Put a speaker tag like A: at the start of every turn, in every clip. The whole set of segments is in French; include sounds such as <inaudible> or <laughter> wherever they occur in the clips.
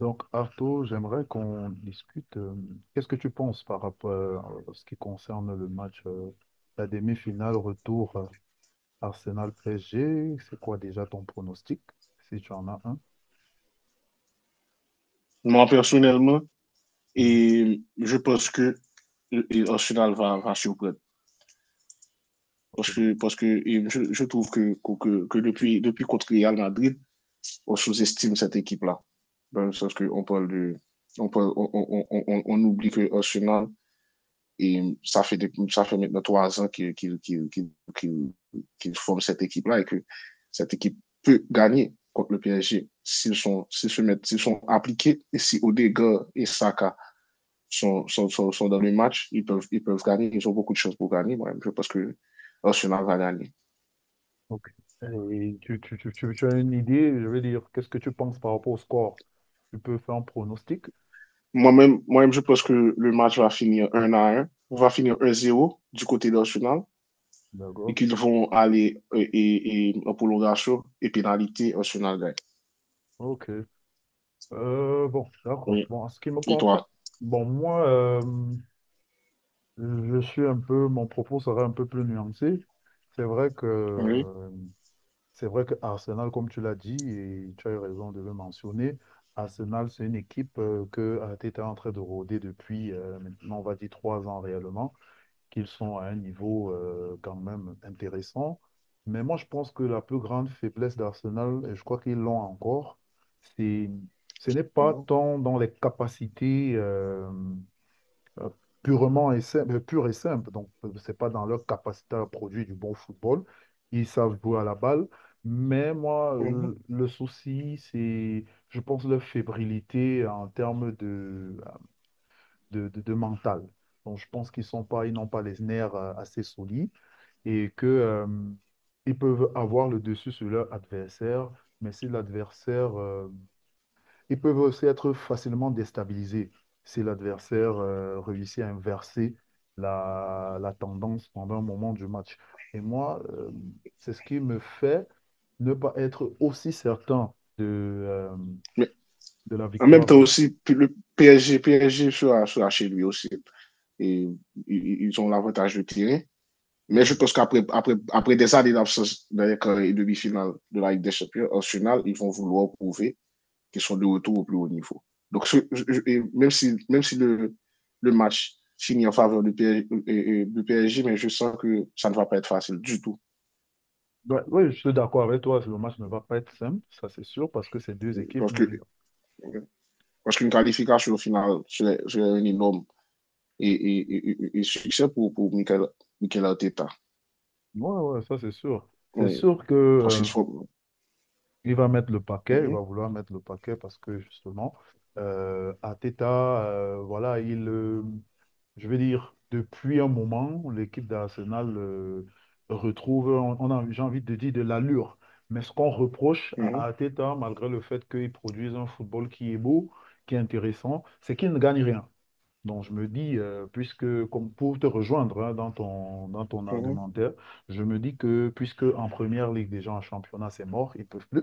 A: Donc, Arto, j'aimerais qu'on discute. Qu'est-ce que tu penses par rapport à ce qui concerne le match, la demi-finale retour Arsenal-PSG? C'est quoi déjà ton pronostic, si tu en as un?
B: Moi, personnellement,
A: Mhm.
B: je pense que Arsenal va surprendre.
A: Ok,
B: Parce
A: donc,
B: que, parce que je trouve que depuis contre Real Madrid, on sous-estime cette équipe-là. Dans le sens qu'on parle de. On, parle, on oublie que Arsenal, ça fait maintenant 3 ans qu'ils qu qu qu forment cette équipe-là et que cette équipe peut gagner contre le PSG s'ils sont, s'ils se mettent, s'ils sont appliqués et si Odegaard et Saka sont dans le match, ils peuvent gagner, ils ont beaucoup de chances pour gagner. Moi-même, je pense que Arsenal va gagner.
A: ok. Et tu as une idée, je veux dire, qu'est-ce que tu penses par rapport au score? Tu peux faire un pronostic?
B: Moi-même, je pense que le match va finir 1-0 du côté d'Arsenal et
A: D'accord.
B: qu'ils vont aller et en prolongation et pénalité, Arsenal gagne.
A: Ok. Bon, d'accord.
B: Oui.
A: Bon, en ce qui me
B: Et
A: concerne,
B: toi?
A: bon, moi, je suis un peu, mon propos sera un peu plus nuancé. C'est vrai
B: Oui.
A: que, c'est vrai que Arsenal, comme tu l'as dit, et tu as eu raison de le mentionner, Arsenal, c'est une équipe que Arteta est en train de rôder depuis maintenant, on va dire, 3 ans réellement, qu'ils sont à un niveau quand même intéressant. Mais moi, je pense que la plus grande faiblesse d'Arsenal, et je crois qu'ils l'ont encore, c'est, ce n'est pas
B: Mhm.
A: tant dans les capacités. Euh, purement et simple, pur et simple. Donc, c'est pas dans leur capacité à produire du bon football. Ils savent jouer à la balle. Mais moi,
B: Mhm.
A: le souci, c'est, je pense, leur fébrilité en termes de, de mental. Donc, je pense qu'ils sont pas, ils n'ont pas les nerfs assez solides et que, ils peuvent avoir le dessus sur leur adversaire. Mais si l'adversaire, ils peuvent aussi être facilement déstabilisés si l'adversaire réussit à inverser la, la tendance pendant un moment du match. Et moi, c'est ce qui me fait ne pas être aussi certain
B: Mais
A: de la
B: en même temps
A: victoire.
B: aussi, le PSG sera chez lui aussi. Et, ils ont l'avantage de tirer. Mais je
A: Ouais.
B: pense qu'après après, après des années d'absence dans les carrés et demi-finales de la Ligue des Champions, en finale, ils vont vouloir prouver qu'ils sont de retour au plus haut niveau. Donc, même si le match finit en faveur du PSG, mais je sens que ça ne va pas être facile du tout.
A: Ouais, ouais, je suis d'accord avec toi, le match ne va pas être simple, ça c'est sûr, parce que ces deux équipes
B: Parce que
A: n'oublient pas.
B: parce qu'une qualification au final, c'est un énorme succès pour Michael Arteta.
A: Ouais, ouais, ça c'est sûr. C'est
B: Oui,
A: sûr que
B: parce qu'il faut.
A: il va mettre le
B: Mm
A: paquet, il
B: -hmm,
A: va vouloir mettre le paquet parce que justement, Arteta, voilà, il, je veux dire, depuis un moment, l'équipe d'Arsenal retrouve, on a, j'ai envie de dire, de l'allure. Mais ce qu'on reproche à Arteta, malgré le fait qu'il produise un football qui est beau, qui est intéressant, c'est qu'il ne gagne rien. Donc je me dis, puisque, comme pour te rejoindre hein, dans ton
B: mm
A: argumentaire, je me dis que puisque en première ligue, déjà en championnat, c'est mort, ils peuvent plus.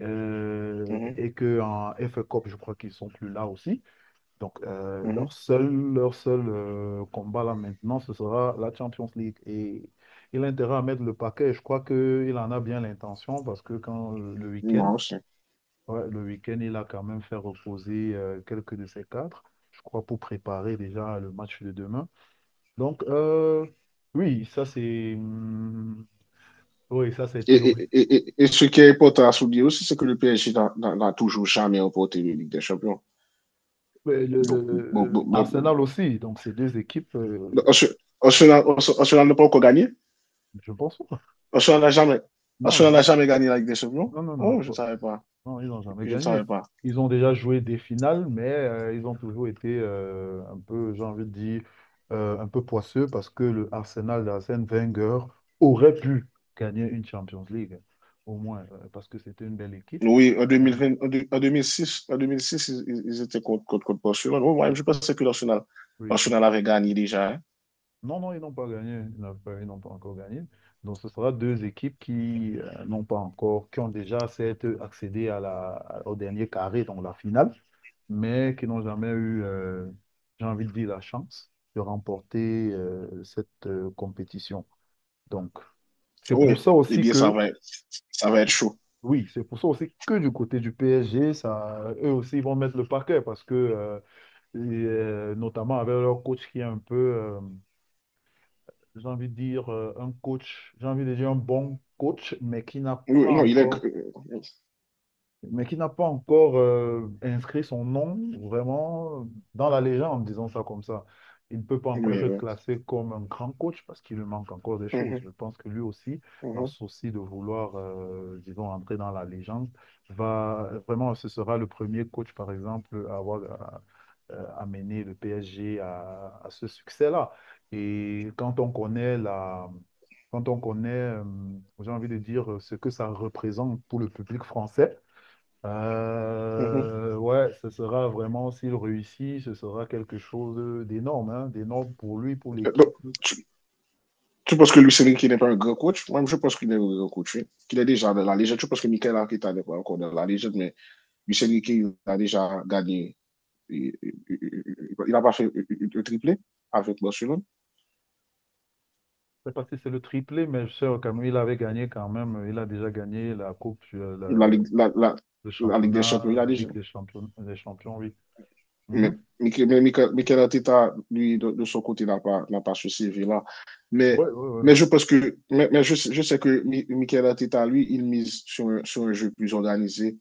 B: -hmm,
A: Et que en F FA Cup, je crois qu'ils sont plus là aussi. Donc,
B: mm -hmm,
A: leur seul combat là maintenant, ce sera la Champions League. Et il a intérêt à mettre le paquet. Je crois qu'il en a bien l'intention parce que quand le week-end,
B: non, c'est.
A: ouais, le week-end, il a quand même fait reposer quelques de ses cadres, je crois, pour préparer déjà le match de demain. Donc, oui, ça c'est, hum, oui, ça c'est
B: Et,
A: théorique.
B: et, et, et, ce qui est important à souligner aussi, c'est que le PSG n'a toujours jamais remporté la Ligue des Champions.
A: Ouais,
B: Donc,
A: Arsenal aussi, donc ces deux équipes.
B: Arsenal n'a pas encore gagné.
A: Je pense pas.
B: Arsenal n'a jamais,
A: Non,
B: Arsenal
A: jamais.
B: jamais gagné la Ligue des Champions.
A: Non, non, non, je
B: Oh, je ne
A: pense-
B: savais pas.
A: non, ils n'ont jamais
B: Je ne
A: gagné.
B: savais pas.
A: Ils ont déjà joué des finales, mais ils ont toujours été un peu, j'ai envie de dire, un peu poisseux parce que le Arsenal d'Arsène Wenger aurait pu gagner une Champions League, au moins, parce que c'était une belle équipe.
B: Oui, en,
A: Euh,
B: 2020, en deux mille six en 2006, ils étaient contre Barcelone. Oh, moi,
A: et
B: je
A: qu'on
B: pensais que l'Arsenal,
A: et qu'on-
B: l'Arsenal avait gagné déjà. Hein.
A: non, non, ils n'ont pas gagné. Ils n'ont pas encore gagné. Donc, ce sera deux équipes qui n'ont pas encore, qui ont déjà certes accédé à la, au dernier carré, donc la finale, mais qui n'ont jamais eu, j'ai envie de dire, la chance de remporter cette compétition. Donc, c'est
B: Oh, oui,
A: pour ça
B: eh
A: aussi
B: bien, ça
A: que,
B: va, ça va être chaud.
A: oui, c'est pour ça aussi que du côté du PSG, ça, eux aussi, ils vont mettre le paquet parce que, et, notamment avec leur coach qui est un peu, j'ai envie de dire, un coach, j'ai envie de dire un bon coach,
B: Oui, oui, non, il est.
A: mais qui n'a pas encore inscrit son nom vraiment dans la légende, disons ça comme ça. Il ne peut pas
B: Oui,
A: encore être
B: oui.
A: classé comme un grand coach parce qu'il lui manque encore des
B: Mm
A: choses.
B: -hmm,
A: Je pense que lui aussi,
B: mm
A: par
B: -hmm,
A: souci de vouloir, disons, entrer dans la légende, va vraiment, ce sera le premier coach, par exemple, à avoir à- amené le PSG à ce succès-là. Et quand on connaît, j'ai envie de dire, ce que ça représente pour le public français,
B: mm -hmm.
A: ouais, ce sera vraiment, s'il réussit, ce sera quelque chose d'énorme, hein, d'énorme pour lui, pour
B: Donc,
A: l'équipe. Je
B: tu penses que Luis Enrique n'est pas un grand coach? Moi, je pense qu'il est un grand coach, oui. Qu'il est déjà dans la légende. Je pense que Mikel Arteta n'est pas encore dans la légende, mais Luis Enrique a déjà gagné. Il n'a pas fait le triplé avec Barcelone.
A: ne sais pas si c'est le triplé, mais je sais quand même, il avait gagné quand même, il a déjà gagné la Coupe,
B: La,
A: la-
B: Ligue, la, la,
A: le
B: la Ligue des Champions,
A: championnat,
B: il a
A: la
B: déjà.
A: Ligue des champions, oui.
B: Mais
A: Mhm.
B: Mikel Arteta, lui, son côté, n'a pas ce CV-là.
A: Ouais,
B: Mais,
A: ouais, ouais.
B: mais, je pense que, mais je, sais que Mikel Arteta, lui, il mise sur un jeu plus organisé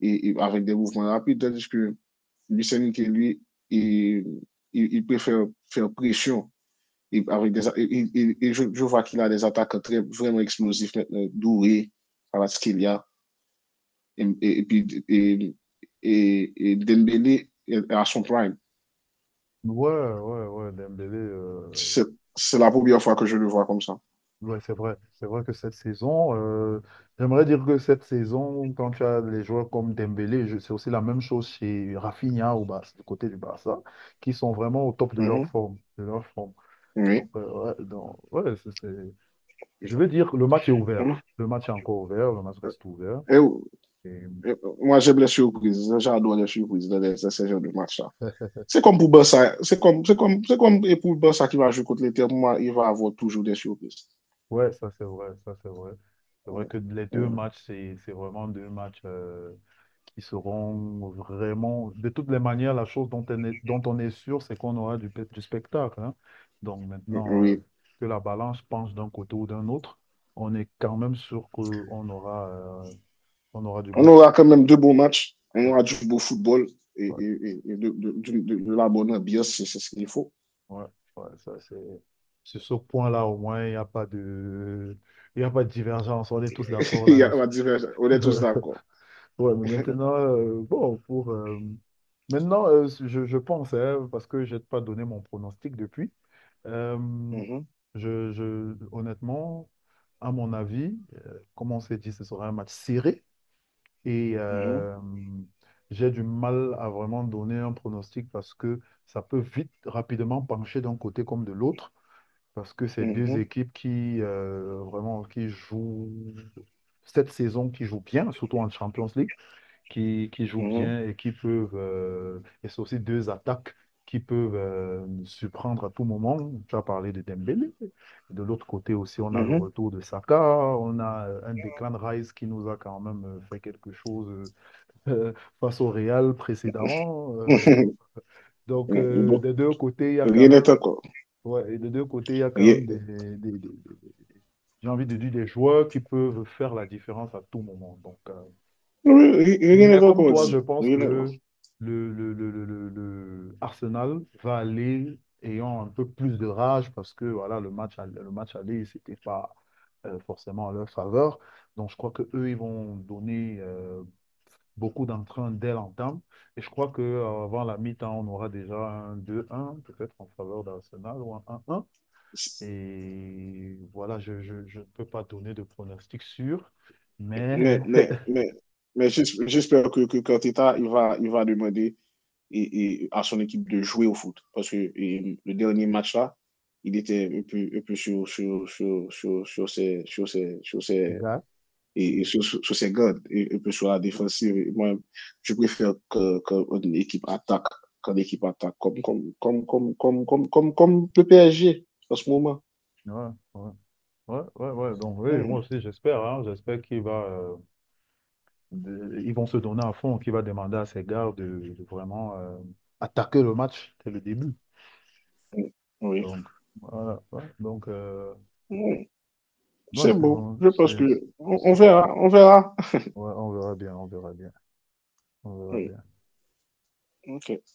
B: et avec des mouvements rapides, tandis que Lucien, qui lui, il, il préfère faire pression. Et, avec des, et je vois qu'il a des attaques très, vraiment explosives, douées, à ce qu'il y a. Et puis, Dembélé à son prime.
A: Ouais, ouais, ouais, Dembélé,
B: C'est la première fois que je le vois comme ça.
A: ouais, c'est vrai. C'est vrai que cette saison, j'aimerais dire que cette saison, quand tu as les joueurs comme Dembélé, je- c'est aussi la même chose chez Rafinha au Barça, du côté du Barça, qui sont vraiment au top de
B: Mm
A: leur
B: -hmm.
A: forme, de leur forme.
B: Oui.
A: Donc, ouais, donc, ouais, c'est- je vais dire que le match est ouvert. Le match est encore ouvert, le match reste ouvert.
B: Et,
A: Et
B: moi, j'aime les surprises. J'adore les surprises dans ces genres de matchs-là. C'est comme pour Barça. C'est comme pour Barça qui va jouer contre l'Inter. Moi, il va avoir toujours des surprises.
A: ouais, ça c'est vrai, ça c'est vrai. C'est vrai que les deux
B: Euh,
A: matchs, c'est vraiment deux matchs. Qui seront vraiment... De toutes les manières, la chose dont on est, dont on est sûr, c'est qu'on aura du, pe- du spectacle. Hein. Donc maintenant,
B: Oui.
A: que la balance penche d'un côté ou d'un autre, on est quand même sûr qu'on aura, on aura du
B: On
A: beau.
B: aura quand même deux beaux matchs. On
A: Ouais,
B: aura du beau football et,
A: ouais,
B: et- et- de la bonne ambiance, c'est ce qu'il faut.
A: ouais, ouais, ça, c'est... Sur ce point-là, au moins, il n'y a pas de... il y a pas de divergence. On est tous d'accord
B: <laughs> On
A: là-dessus.
B: va dire, on est tous d'accord.
A: <laughs> Ouais, mais maintenant, bon, pour... maintenant, je pense, hein, parce que je n'ai pas donné mon pronostic depuis. Euh,
B: Mhm,
A: je- honnêtement, à mon avis, comme on s'est dit, ce sera un match serré et
B: mhm,
A: j'ai du mal à vraiment donner un pronostic parce que ça peut vite, rapidement pencher d'un côté comme de l'autre parce que c'est deux
B: mhm,
A: équipes qui vraiment qui jouent cette saison qui jouent bien, surtout en Champions League qui jouent
B: mhm,
A: bien et qui peuvent, et c'est aussi deux attaques qui peuvent surprendre à tout moment. Tu as parlé de Dembélé. De l'autre côté aussi, on a le
B: mhm.
A: retour de Saka, on a un déclin de Rice qui nous a quand même fait quelque chose <laughs> euh, face au Real précédemment.
B: <laughs>
A: Donc,
B: Bon,
A: des deux côtés, il y a quand
B: rien n'est
A: même,
B: encore.
A: ouais, et des deux côtés, il y a quand même
B: Rien
A: j'ai envie de dire des joueurs qui peuvent faire la différence à tout moment. Donc,
B: oui, rien
A: mais
B: n'est
A: comme
B: encore
A: toi, je
B: dit.
A: pense
B: Rien n'est-
A: que le Arsenal va aller ayant un peu plus de rage parce que voilà, le match, all- le match aller, c'était pas forcément en leur faveur. Donc je crois que eux, ils vont donner beaucoup d'entrain dès l'entame. Et je crois que avant la mi-temps, on aura déjà 2-1 peut-être en faveur d'Arsenal ou un 1. Et voilà, je ne peux pas donner de pronostic sûr, mais
B: Mais,
A: <laughs>
B: mais, mais, mais, j'espère que Arteta, il va demander et à son équipe de jouer au foot. Le dernier match-là, il était un peu sur, sur, sur, sur, sur ses, sur ses, sur
A: les
B: ses,
A: gars,
B: sur ses gardes, et un peu sur la défensive. Et moi, je préfère que une équipe attaque, qu'une équipe attaque, comme le PSG en ce moment.
A: ouais, ouais. Ouais, ouais, ouais. Donc, oui, moi
B: Mmh,
A: aussi, j'espère, hein, j'espère qu'il va, de- ils vont se donner à fond, qu'il va demander à ses gars de vraiment attaquer le match dès le début.
B: mmh, oui,
A: Donc, voilà. Ouais. Donc,
B: mmh,
A: ouais,
B: c'est
A: c'est
B: beau.
A: bon.
B: Je pense
A: C'est-
B: que on verra, on verra.
A: ouais, on verra bien, on verra bien, on verra
B: Oui,
A: bien.
B: ok.